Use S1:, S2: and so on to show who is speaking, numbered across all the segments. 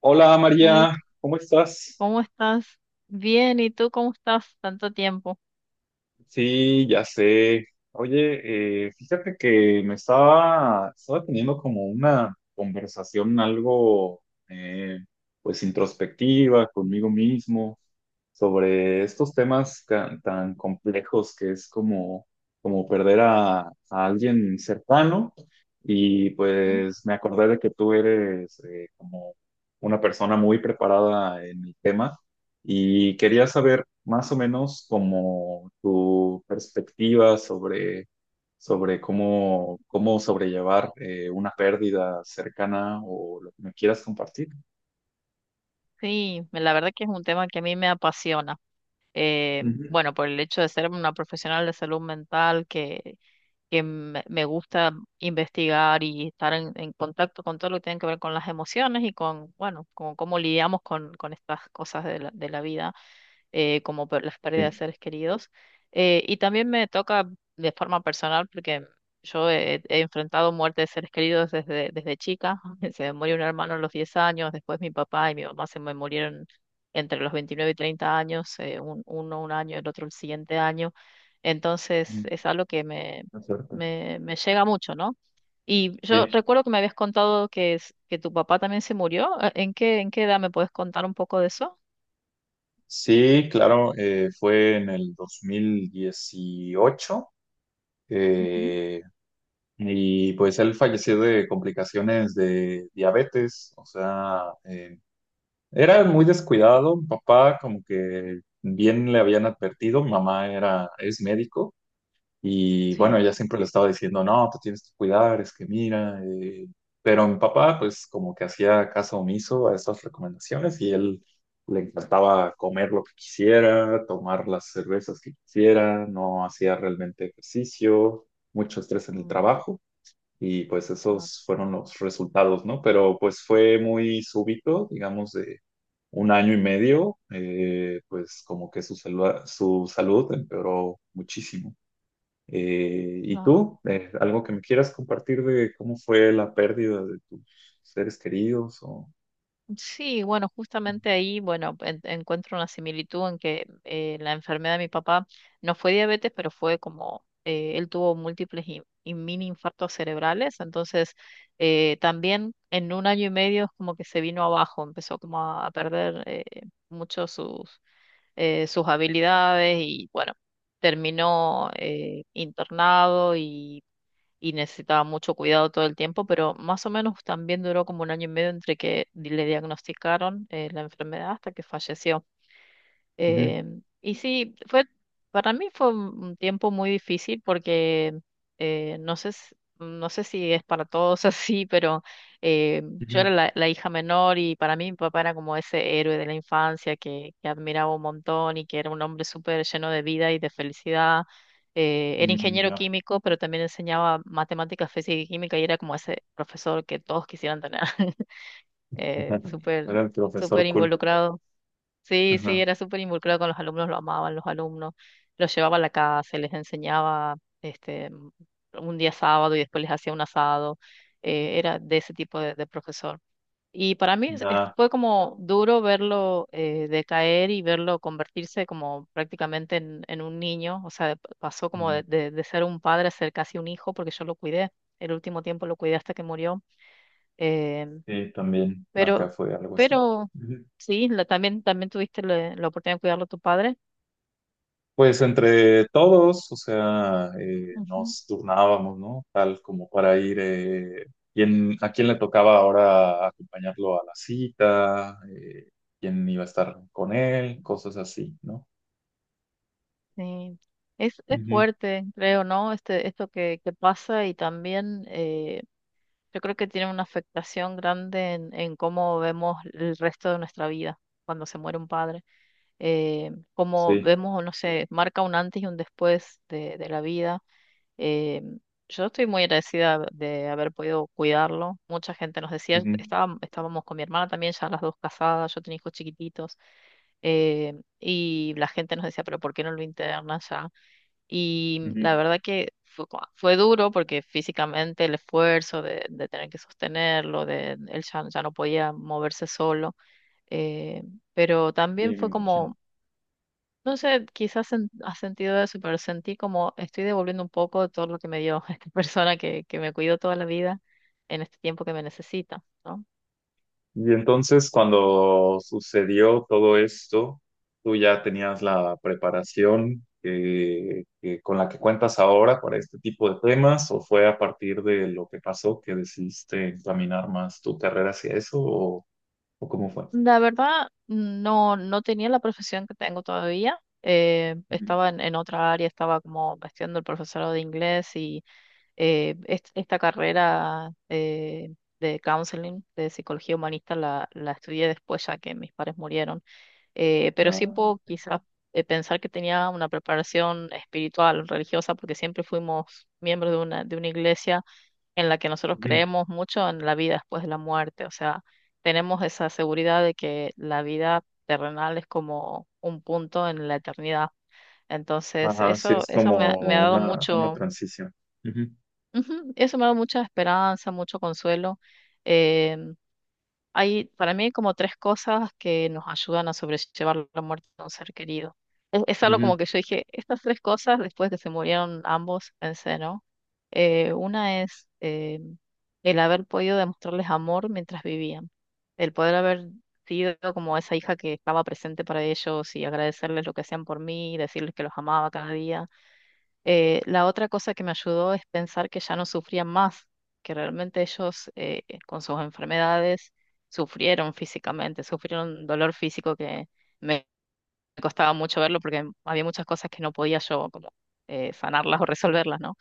S1: Hola
S2: Hey,
S1: María, ¿cómo estás?
S2: ¿cómo estás? Bien, ¿y tú cómo estás? Tanto tiempo.
S1: Sí, ya sé. Oye, fíjate que me estaba teniendo como una conversación algo, eh, introspectiva conmigo mismo sobre estos temas tan complejos que es como, como perder a alguien cercano y
S2: Mm.
S1: pues me acordé de que tú eres como una persona muy preparada en el tema. Y quería saber más o menos como tu perspectiva sobre cómo, cómo sobrellevar una pérdida cercana o lo que me quieras compartir.
S2: Sí, la verdad que es un tema que a mí me apasiona. Eh,
S1: Ujú.
S2: bueno, por el hecho de ser una profesional de salud mental que me gusta investigar y estar en contacto con todo lo que tiene que ver con las emociones y bueno, con cómo lidiamos con estas cosas de la vida, como por las pérdidas de
S1: Sí,
S2: seres queridos. Y también me toca de forma personal porque yo he enfrentado muerte de seres queridos desde chica. Se me murió un hermano a los 10 años, después mi papá y mi mamá se me murieron entre los 29 y 30 años. Uno un año, el otro el siguiente año. Entonces
S1: mm,
S2: es algo que me,
S1: es cierto.
S2: me, me llega mucho, ¿no? Y yo
S1: Sí,
S2: recuerdo que me habías contado que tu papá también se murió. ¿En qué edad me puedes contar un poco de eso?
S1: sí, claro, fue en el 2018,
S2: Ujú.
S1: eh, y pues él falleció de complicaciones de diabetes, o sea, era muy descuidado, mi papá, como que bien le habían advertido, mi mamá era, es médico y bueno,
S2: Sí.
S1: ella siempre le estaba diciendo, no, te tienes que cuidar, es que mira, pero mi papá pues como que hacía caso omiso a estas recomendaciones y él le encantaba comer lo que quisiera, tomar las cervezas que quisiera, no hacía realmente ejercicio, mucho estrés en el
S2: Mm,
S1: trabajo. Y pues
S2: ah,
S1: esos fueron los resultados, ¿no? Pero pues fue muy súbito, digamos, de un año y medio, pues como que su salud empeoró muchísimo. ¿Y
S2: ah.
S1: tú? ¿Algo que me quieras compartir de cómo fue la pérdida de tus seres queridos? O...
S2: Sí, bueno, justamente ahí, bueno, encuentro una similitud en que la enfermedad de mi papá no fue diabetes, pero fue como, él tuvo múltiples y mini infartos cerebrales. Entonces, también en un año y medio es como que se vino abajo, empezó como a perder mucho sus habilidades y bueno, terminó internado y necesitaba mucho cuidado todo el tiempo, pero más o menos también duró como un año y medio entre que le diagnosticaron la enfermedad hasta que falleció.
S1: Ujú,
S2: Eh, y sí, fue, para mí fue un tiempo muy difícil porque no sé, no sé si es para todos así, pero eh, yo
S1: ujú.
S2: era la hija menor y para mí mi papá era como ese héroe de la infancia que admiraba un montón y que era un hombre súper lleno de vida y de felicidad. Era
S1: Mm,
S2: ingeniero
S1: ya.
S2: químico, pero también enseñaba matemáticas, física y química y era como ese profesor que todos quisieran tener, súper,
S1: Era el
S2: súper
S1: profesor cool.
S2: involucrado. Sí, sí,
S1: Ajá.
S2: era súper involucrado con los alumnos, lo amaban los alumnos, los llevaba a la casa, les enseñaba este, m- un día sábado y después les hacía un asado. Era de ese tipo de profesor. Y para mí es- es-
S1: Ya.
S2: fue como duro verlo decaer y verlo convertirse como prácticamente en un niño, o sea, pasó como
S1: Mm,
S2: de ser un padre a ser casi un hijo, porque yo lo cuidé, el último tiempo lo cuidé hasta que murió. eh,
S1: sí, también acá
S2: pero,
S1: fue algo así.
S2: pero
S1: Ujú.
S2: sí, también tuviste la oportunidad de cuidarlo a tu padre.
S1: Pues entre todos, o sea,
S2: Ujú.
S1: nos turnábamos, ¿no? Tal como para ir, a quién le tocaba ahora acompañarlo a la cita, quién iba a estar con él, cosas así, ¿no?
S2: Sí. Es
S1: Ujú,
S2: fuerte, creo, ¿no? Esto que pasa. Y también yo creo que tiene una afectación grande en cómo vemos el resto de nuestra vida cuando se muere un padre. Cómo
S1: sí.
S2: vemos, no sé, marca un antes y un después de la vida. Eh, yo estoy muy agradecida de haber podido cuidarlo. Mucha gente nos decía,
S1: Ujú,
S2: estábamos con mi hermana también, ya las dos casadas, yo tenía hijos chiquititos, y la gente nos decía, pero ¿por qué no lo internas ya? Y la
S1: ujú,
S2: verdad que fue, fue duro porque físicamente el esfuerzo de tener que sostenerlo, de él ya, ya no podía moverse solo. eh, pero
S1: sí,
S2: también
S1: me
S2: fue
S1: imagino.
S2: como no sé, quizás has sentido eso, pero sentí como estoy devolviendo un poco de todo lo que me dio esta persona que me cuidó toda la vida en este tiempo que me necesita, ¿no?
S1: Y entonces cuando sucedió todo esto, tú ya tenías la preparación que con la que cuentas ahora para este tipo de temas, ¿o fue a partir de lo que pasó que decidiste encaminar más tu carrera hacia eso, o cómo fue?
S2: La verdad, no, no tenía la profesión que tengo todavía. eh,
S1: Ujú.
S2: estaba en otra área, estaba como estudiando el profesorado de inglés y esta carrera de counseling, de psicología humanista, la estudié después ya que mis padres murieron. Pero sí
S1: Ah,
S2: puedo quizás pensar que tenía una preparación espiritual, religiosa, porque siempre fuimos miembros de una iglesia en la que nosotros
S1: ujú.
S2: creemos mucho en la vida después de la muerte, o sea, tenemos esa seguridad de que la vida terrenal es como un punto en la eternidad. Entonces,
S1: Ajá, sí,
S2: eso,
S1: es
S2: eso me ha
S1: como
S2: dado
S1: una
S2: mucho,
S1: transición. Ujú,
S2: ujú, eso me ha dado mucha esperanza, mucho consuelo. eh, hay para mí como tres cosas que nos ayudan a sobrellevar la muerte de un ser querido. Es algo
S1: ujú.
S2: como que yo dije, estas tres cosas, después que se murieron ambos, pensé, ¿no? Una es el haber podido demostrarles amor mientras vivían, el poder haber sido como esa hija que estaba presente para ellos y agradecerles lo que hacían por mí, decirles que los amaba cada día. La otra cosa que me ayudó es pensar que ya no sufrían más, que realmente ellos con sus enfermedades sufrieron físicamente, sufrieron dolor físico que me costaba mucho verlo porque había muchas cosas que no podía yo como sanarlas o resolverlas, ¿no?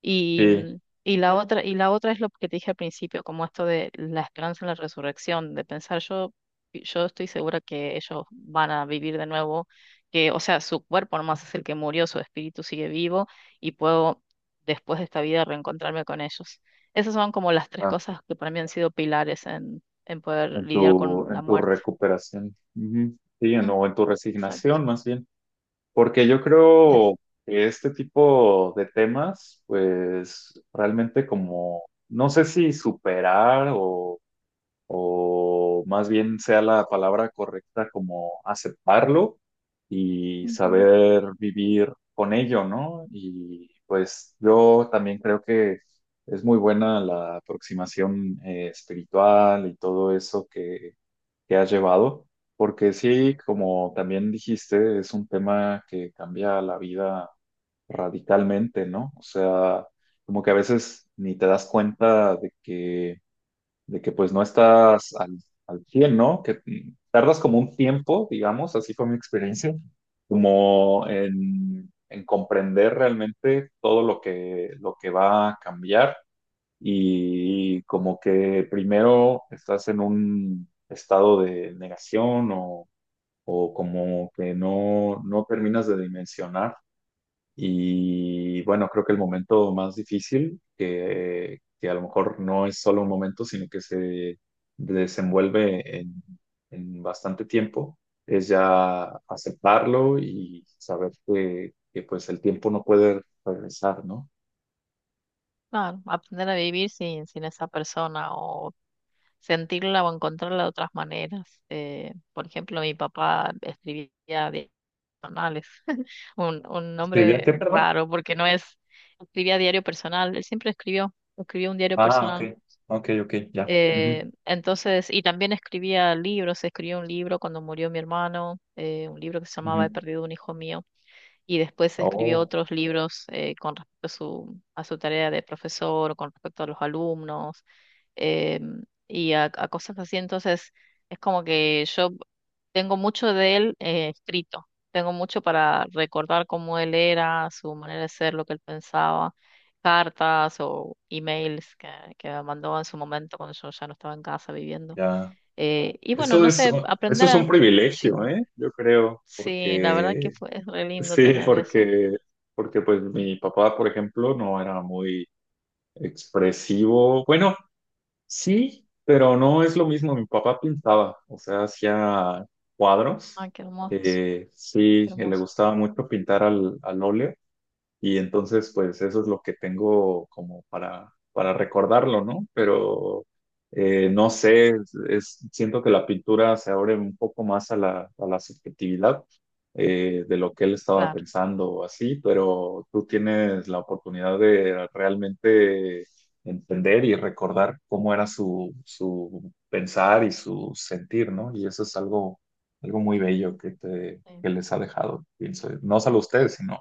S2: Y, mm,
S1: Sí,
S2: y la otra es lo que te dije al principio, como esto de la esperanza en la resurrección, de pensar yo, estoy segura que ellos van a vivir de nuevo, que, o sea, su cuerpo nomás es el que murió, su espíritu sigue vivo y puedo después de esta vida reencontrarme con ellos. Esas son como las tres
S1: ah,
S2: cosas que para mí han sido pilares en poder lidiar con
S1: en
S2: la
S1: tu
S2: muerte.
S1: recuperación. Ujú. Sí, en-
S2: Mm.
S1: o en tu
S2: Exacto.
S1: resignación más bien. Porque yo
S2: Eso.
S1: creo que este tipo de temas, pues realmente como, no sé si superar o más bien sea la palabra correcta, como aceptarlo y
S2: Ujú.
S1: saber vivir con ello, ¿no? Y pues yo también creo que es muy buena la aproximación espiritual y todo eso que has llevado, porque sí, como también dijiste, es un tema que cambia la vida radicalmente, ¿no? O sea, como que a veces ni te das cuenta de que pues no estás al, al 100, ¿no? Que mm, tardas como un tiempo, digamos, así fue mi experiencia, como en comprender realmente todo lo que va a cambiar y como que primero estás en un estado de negación o como que no, no terminas de dimensionar. Y bueno, creo que el momento más difícil, que a lo mejor no es solo un momento, sino que se desenvuelve en bastante tiempo, es ya aceptarlo y saber que pues el tiempo no puede regresar, ¿no?
S2: Claro, aprender a vivir sin esa persona o sentirla o encontrarla de otras maneras. Por ejemplo, mi papá escribía diarios personales, un
S1: ¿Escribía qué,
S2: nombre
S1: perdón?
S2: raro porque no es, escribía diario personal, él siempre escribió un diario
S1: Ah, ok,
S2: personal.
S1: ok, ok, ya. Ujú,
S2: Entonces, y también escribía libros, escribió un libro cuando murió mi hermano, un libro que se
S1: ujú.
S2: llamaba "He perdido un hijo mío", y después escribió
S1: Oh,
S2: otros libros con respecto a a su tarea de profesor, con respecto a los alumnos, y a cosas así. Entonces, es como que yo tengo mucho de él escrito, tengo mucho para recordar cómo él era, su manera de ser, lo que él pensaba, cartas o emails que me mandó en su momento cuando yo ya no estaba en casa viviendo.
S1: ya.
S2: Y bueno,
S1: Eso
S2: no
S1: es,
S2: sé,
S1: oh, eso
S2: aprender
S1: es
S2: a...
S1: un
S2: Sí,
S1: privilegio, ¿eh? Yo creo,
S2: sí, la verdad que
S1: porque,
S2: fue, es re lindo
S1: sí,
S2: tener eso.
S1: porque, porque pues mi papá, por ejemplo, no era muy expresivo. Bueno, sí, pero no es lo mismo. Mi papá pintaba, o sea, hacía cuadros.
S2: Ay, qué hermoso,
S1: Sí,
S2: qué
S1: le
S2: hermoso.
S1: gustaba mucho pintar al, al óleo. Y entonces, pues eso es lo que tengo como para recordarlo, ¿no? Pero
S2: Ay,
S1: no sé, es- siento que la pintura se abre un poco más a la subjetividad de lo que él estaba
S2: claro,
S1: pensando o así, pero tú tienes la oportunidad de realmente entender y recordar cómo era su, su pensar y su sentir, ¿no? Y eso es algo, algo muy bello que te,
S2: sí,
S1: que les ha dejado, pienso. No solo a ustedes, sino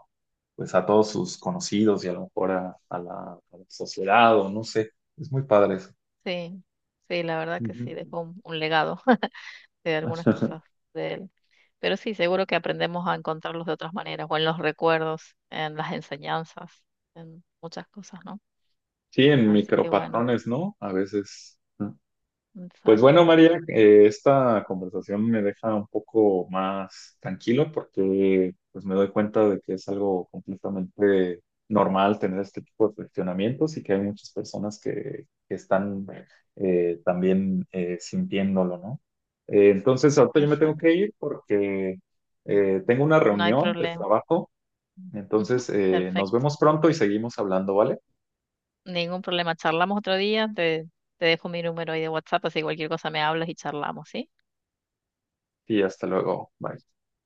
S1: pues a todos sus conocidos y a lo mejor a la sociedad o no sé. Es muy padre eso.
S2: sí, sí, la verdad que
S1: Ujú.
S2: sí, dejó un legado de algunas cosas de él. Pero sí, seguro que aprendemos a encontrarlos de otras maneras, o en los recuerdos, en las enseñanzas, en muchas cosas, ¿no?
S1: Sí, en
S2: Así que bueno,
S1: micropatrones, ¿no? A veces. Pues
S2: exacto,
S1: bueno, María, esta conversación me deja un poco más tranquilo porque pues me doy cuenta de que es algo completamente normal tener este tipo de cuestionamientos y que hay muchas personas que están también sintiéndolo, ¿no? Entonces, ahorita yo me tengo
S2: exacto,
S1: que ir porque tengo una
S2: no hay
S1: reunión de
S2: problema.
S1: trabajo,
S2: Ujú,
S1: entonces nos
S2: perfecto,
S1: vemos pronto y seguimos hablando, ¿vale?
S2: ningún problema. Charlamos otro día, te dejo mi número ahí de WhatsApp, así cualquier cosa me hablas y charlamos, ¿sí?
S1: Y hasta luego, bye.